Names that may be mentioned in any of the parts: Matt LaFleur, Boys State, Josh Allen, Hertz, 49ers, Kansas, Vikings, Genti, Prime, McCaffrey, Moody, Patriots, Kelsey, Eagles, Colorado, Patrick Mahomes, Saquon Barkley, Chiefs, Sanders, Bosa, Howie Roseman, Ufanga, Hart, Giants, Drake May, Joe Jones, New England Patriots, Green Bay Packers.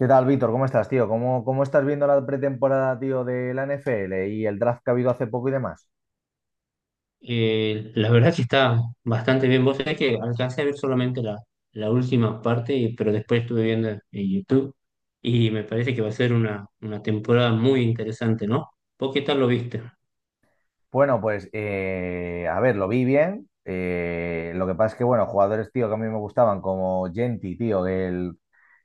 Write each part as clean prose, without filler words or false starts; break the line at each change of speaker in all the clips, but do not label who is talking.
¿Qué tal, Víctor? ¿Cómo estás, tío? ¿Cómo estás viendo la pretemporada, tío, de la NFL y el draft que ha habido hace poco y demás?
La verdad que está bastante bien. Vos sabés que alcancé a ver solamente la última parte, pero después estuve viendo en YouTube y me parece que va a ser una temporada muy interesante, ¿no? ¿Vos qué tal lo viste?
Bueno, pues, a ver, lo vi bien. Lo que pasa es que, bueno, jugadores, tío, que a mí me gustaban, como Genti, tío, el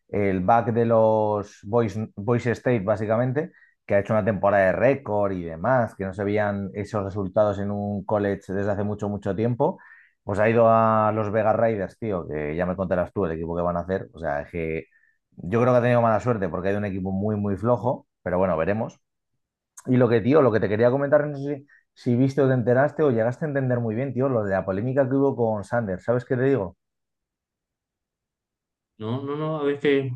el back de los Boys, Boys State, básicamente, que ha hecho una temporada de récord y demás, que no se veían esos resultados en un college desde hace mucho, mucho tiempo. Pues ha ido a los Vegas Raiders, tío, que ya me contarás tú el equipo que van a hacer. O sea, es que yo creo que ha tenido mala suerte porque hay un equipo muy, muy flojo, pero bueno, veremos. Y lo que, tío, lo que te quería comentar, no sé si viste o te enteraste o llegaste a entender muy bien, tío, lo de la polémica que hubo con Sanders. ¿Sabes qué te digo?
No, no, no, a ver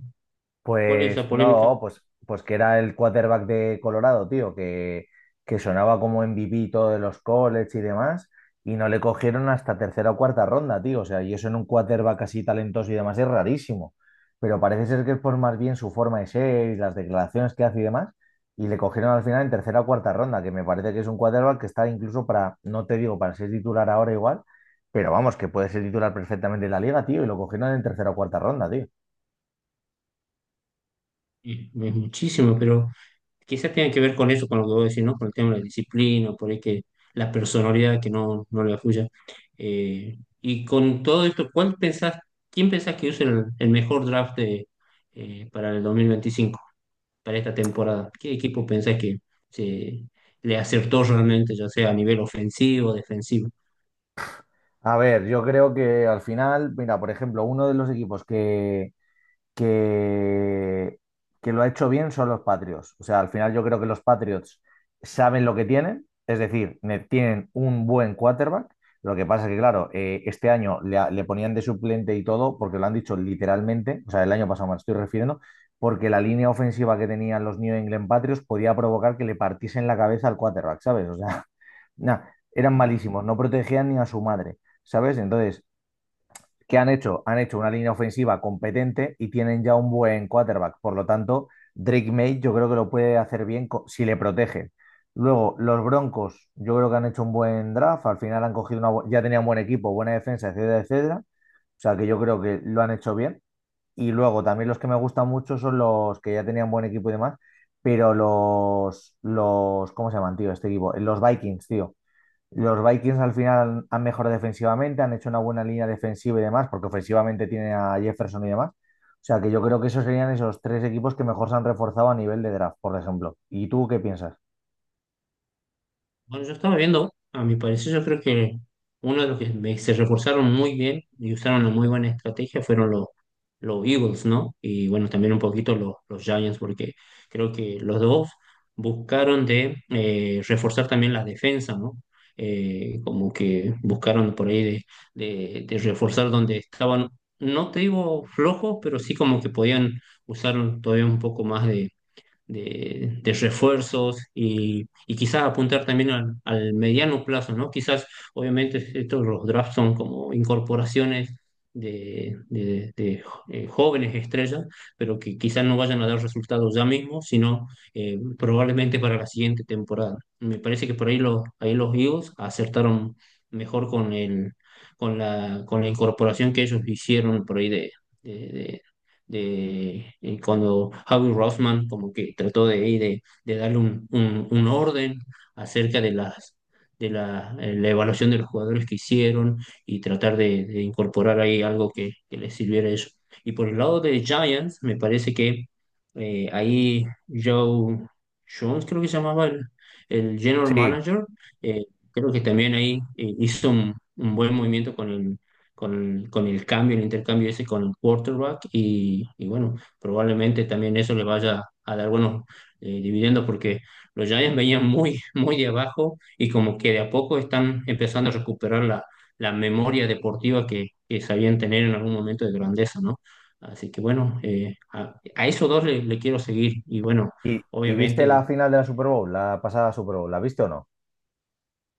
cuál es
Pues
la polémica.
no, pues, pues que era el quarterback de Colorado, tío, que sonaba como MVP todo de los college y demás, y no le cogieron hasta tercera o cuarta ronda, tío. O sea, y eso en un quarterback así talentoso y demás es rarísimo. Pero parece ser que es por más bien su forma de ser y las declaraciones que hace y demás, y le cogieron al final en tercera o cuarta ronda, que me parece que es un quarterback que está incluso para, no te digo para ser titular ahora igual, pero vamos, que puede ser titular perfectamente en la liga, tío, y lo cogieron en tercera o cuarta ronda, tío.
Es muchísimo, pero quizás tenga que ver con eso, con lo que vos decís, ¿no? Con el tema de la disciplina, por ahí que la personalidad que no le afluya. Y con todo esto, ¿quién pensás que use el mejor draft de, para el 2025 para esta temporada? ¿Qué equipo pensás que se, le acertó realmente, ya sea a nivel ofensivo, defensivo?
A ver, yo creo que al final, mira, por ejemplo, uno de los equipos que, que lo ha hecho bien son los Patriots. O sea, al final yo creo que los Patriots saben lo que tienen, es decir, tienen un buen quarterback. Lo que pasa es que, claro, este año le ponían de suplente y todo, porque lo han dicho literalmente, o sea, el año pasado me estoy refiriendo, porque la línea ofensiva que tenían los New England Patriots podía provocar que le partiesen la cabeza al quarterback, ¿sabes? O sea, nah, eran malísimos, no protegían ni a su madre, ¿sabes? Entonces, ¿qué han hecho? Han hecho una línea ofensiva competente y tienen ya un buen quarterback. Por lo tanto, Drake May yo creo que lo puede hacer bien si le protegen. Luego, los Broncos, yo creo que han hecho un buen draft. Al final han cogido una, ya tenían buen equipo, buena defensa, etcétera, etcétera. O sea que yo creo que lo han hecho bien. Y luego también los que me gustan mucho son los que ya tenían buen equipo y demás. Pero ¿cómo se llaman, tío? Este equipo, los Vikings, tío. Los Vikings al final han mejorado defensivamente, han hecho una buena línea defensiva y demás, porque ofensivamente tiene a Jefferson y demás. O sea que yo creo que esos serían esos tres equipos que mejor se han reforzado a nivel de draft, por ejemplo. ¿Y tú qué piensas?
Bueno, yo estaba viendo, a mi parecer, yo creo que uno de los que se reforzaron muy bien y usaron una muy buena estrategia fueron los Eagles, ¿no? Y bueno, también un poquito los Giants, porque creo que los dos buscaron de reforzar también la defensa, ¿no? Como que buscaron por ahí de reforzar donde estaban, no te digo flojos, pero sí como que podían usar todavía un poco más de refuerzos y quizás apuntar también al mediano plazo, ¿no? Quizás, obviamente, estos los drafts son como incorporaciones de jóvenes estrellas, pero que quizás no vayan a dar resultados ya mismo, sino probablemente para la siguiente temporada. Me parece que por ahí ahí los Eagles acertaron mejor con con la incorporación que ellos hicieron por ahí de, de cuando Howie Roseman como que trató de, ahí de darle un orden acerca de la evaluación de los jugadores que hicieron y tratar de incorporar ahí algo que les sirviera a ellos. Y por el lado de Giants, me parece que ahí Joe Jones, creo que se llamaba el general
Sí.
manager, eh, creo que también ahí hizo un buen movimiento con con el cambio, el intercambio ese con el quarterback y bueno, probablemente también eso le vaya a dar buenos dividendos porque los Giants venían muy, muy de abajo y como que de a poco están empezando a recuperar la memoria deportiva que sabían tener en algún momento de grandeza, ¿no? Así que bueno, a esos dos le quiero seguir y bueno,
Y viste la
obviamente
final de la Super Bowl, la pasada Super Bowl? ¿La viste o no?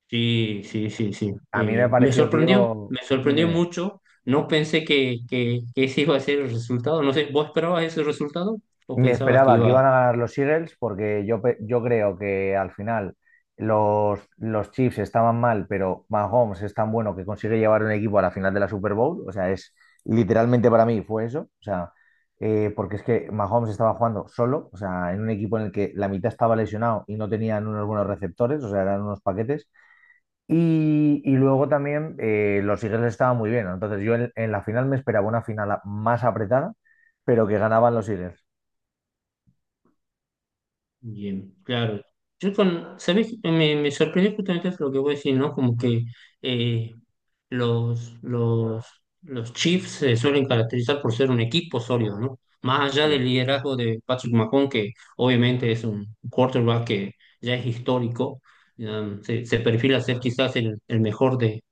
sí, sí, sí, sí.
A mí me pareció, tío,
Me
dime,
sorprendió
dime.
mucho. No pensé que ese iba a ser el resultado. No sé, ¿vos esperabas ese resultado o
Me
pensabas que
esperaba que iban
iba
a ganar los Eagles porque yo, yo creo que al final los Chiefs estaban mal, pero Mahomes es tan bueno que consigue llevar un equipo a la final de la Super Bowl. O sea, es literalmente para mí fue eso. O sea, porque es que Mahomes estaba jugando solo, o sea, en un equipo en el que la mitad estaba lesionado y no tenían unos buenos receptores, o sea, eran unos paquetes. Y luego también los Eagles estaban muy bien. Entonces yo en la final me esperaba una final más apretada, pero que ganaban los Eagles.
bien? Claro. Yo con, ¿sabés? Me sorprendió justamente lo que voy a decir, ¿no? Como que eh, Los, los, los Chiefs se suelen caracterizar por ser un equipo sólido, ¿no? Más allá
Sí.
del liderazgo de Patrick Mahomes, que obviamente es un quarterback que ya es histórico, se perfila ser quizás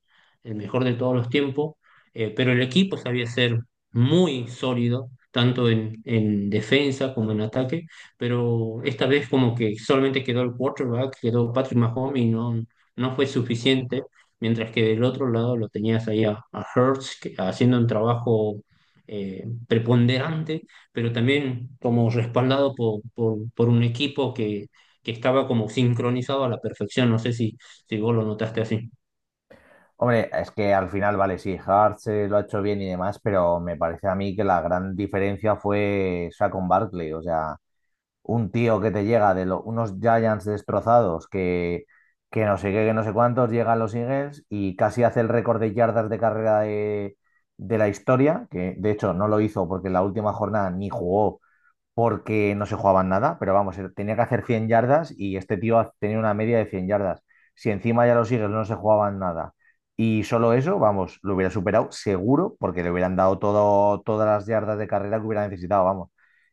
el mejor de todos los tiempos, pero el equipo sabía ser muy sólido, tanto en defensa como en ataque, pero esta vez como que solamente quedó el quarterback, quedó Patrick Mahomes y no, no fue suficiente mientras que del otro lado lo tenías ahí a Hertz haciendo un trabajo preponderante, pero también como respaldado por un equipo que estaba como sincronizado a la perfección. No sé si, si vos lo notaste así.
Hombre, es que al final, vale, sí, Hart se lo ha hecho bien y demás, pero me parece a mí que la gran diferencia fue Saquon Barkley, o sea, un tío que te llega de unos Giants destrozados que no sé qué, que no sé cuántos, llegan los Eagles y casi hace el récord de yardas de carrera de la historia, que de hecho no lo hizo porque en la última jornada ni jugó porque no se jugaban nada, pero vamos, tenía que hacer 100 yardas y este tío tenía una media de 100 yardas. Si encima ya los Eagles no se jugaban nada y solo eso, vamos, lo hubiera superado seguro porque le hubieran dado todo, todas las yardas de carrera que hubiera necesitado, vamos.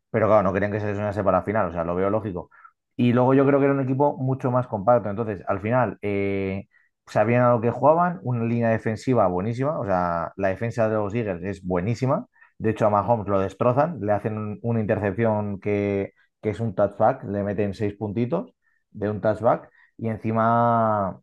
Pero claro, no querían que se lesionase para la final, o sea, lo veo lógico. Y luego yo creo que era un equipo mucho más compacto. Entonces, al final, sabían a lo que jugaban, una línea defensiva buenísima, o sea, la defensa de los Eagles es buenísima de hecho, a Mahomes lo destrozan, le hacen una intercepción que es un touchback, le meten seis puntitos de un touchback y encima,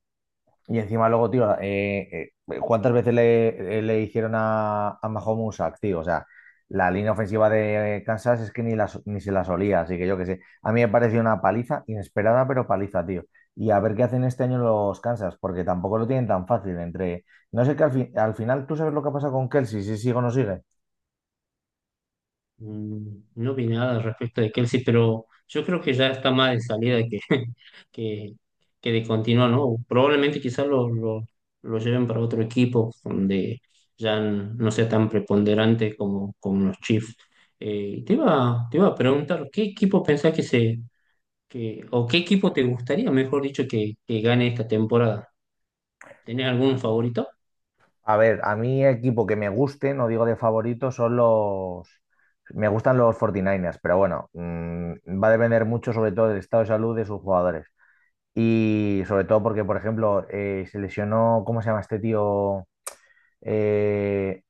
y encima luego, tío, ¿cuántas veces le hicieron a Mahomes un sack, tío? O sea, la línea ofensiva de Kansas es que ni, la, ni se la solía, así que yo qué sé. A mí me pareció una paliza, inesperada, pero paliza, tío. Y a ver qué hacen este año los Kansas, porque tampoco lo tienen tan fácil entre... No sé que al final, ¿tú sabes lo que ha pasado con Kelsey? Si sigue o no sigue.
Mm, no vi nada al respecto de Kelsey, pero yo creo que ya está más de salida que, que, que de continuar, ¿no? Probablemente quizás lo lleven para otro equipo donde ya no sea tan preponderante como, como los Chiefs. Te iba a preguntar, ¿qué equipo pensás que o qué equipo te gustaría, mejor dicho, que gane esta temporada? ¿Tenés algún favorito?
A ver, a mí equipo que me guste, no digo de favorito, son los... Me gustan los 49 niners, pero bueno, mm, va a depender mucho sobre todo del estado de salud de sus jugadores. Y sobre todo porque, por ejemplo, se lesionó, ¿cómo se llama este tío? Eh,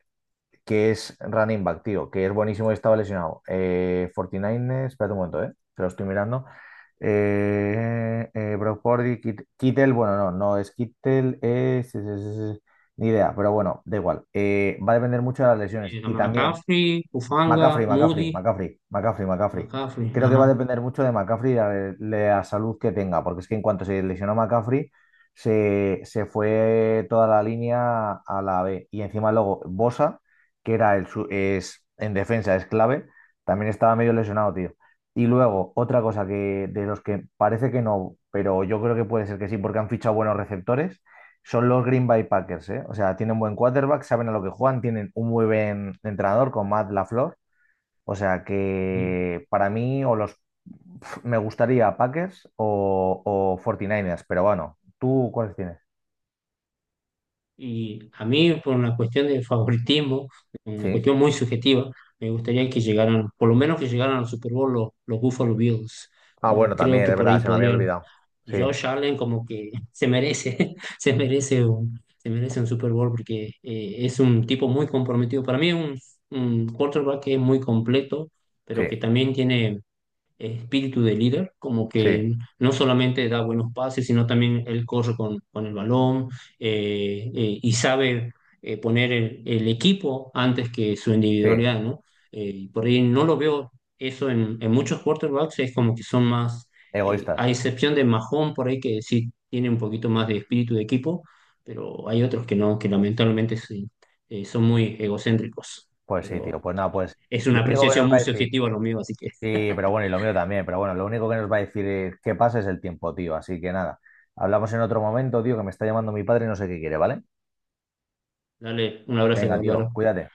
que es running back, tío, que es buenísimo y estaba lesionado. 49ers, espérate un momento, te lo estoy mirando. Brock Purdy, Kittel, bueno, no, no es Kittel, ni idea, pero bueno, da igual. Va a depender mucho de las lesiones y también
McCaffrey, Ufanga, Moody,
McCaffrey.
McCaffrey,
Creo que va a
ajá.
depender mucho de McCaffrey y la salud que tenga, porque es que en cuanto se lesionó McCaffrey, se fue toda la línea a la B. Y encima luego Bosa, que era en defensa es clave, también estaba medio lesionado, tío. Y luego, otra cosa que de los que parece que no, pero yo creo que puede ser que sí, porque han fichado buenos receptores, son los Green Bay Packers, ¿eh? O sea, tienen buen quarterback, saben a lo que juegan, tienen un muy buen entrenador con Matt LaFleur, o sea que para mí o los pf, me gustaría Packers o 49ers, pero bueno, ¿tú cuáles tienes?
Y a mí, por una cuestión de favoritismo, una
Sí.
cuestión muy subjetiva, me gustaría que llegaran, por lo menos que llegaran al Super Bowl los Buffalo Bills.
Ah,
Como
bueno,
creo
también,
que
es
por
verdad,
ahí
se me había
podrían.
olvidado. Sí,
Josh Allen como que se merece, se merece un Super Bowl porque es un tipo muy comprometido. Para mí es un quarterback que es muy completo, pero que
sí,
también tiene espíritu de líder, como
sí,
que no solamente da buenos pases, sino también él corre con el balón y sabe poner el equipo antes que su
sí.
individualidad, ¿no? Y por ahí no lo veo eso en muchos quarterbacks, es como que son más, a
Egoístas.
excepción de Mahón por ahí que sí tiene un poquito más de espíritu de equipo, pero hay otros que no, que lamentablemente sí, son muy egocéntricos,
Pues sí, tío.
pero
Pues nada, pues
es
lo
una
único que
apreciación
nos va
muy
a decir,
subjetiva lo mío, así que...
sí, pero bueno, y lo mío también, pero bueno, lo único que nos va a decir es que pasa es el tiempo, tío. Así que nada, hablamos en otro momento, tío, que me está llamando mi padre y no sé qué quiere, ¿vale?
Dale, un abrazo,
Venga, tío,
Álvaro.
cuídate.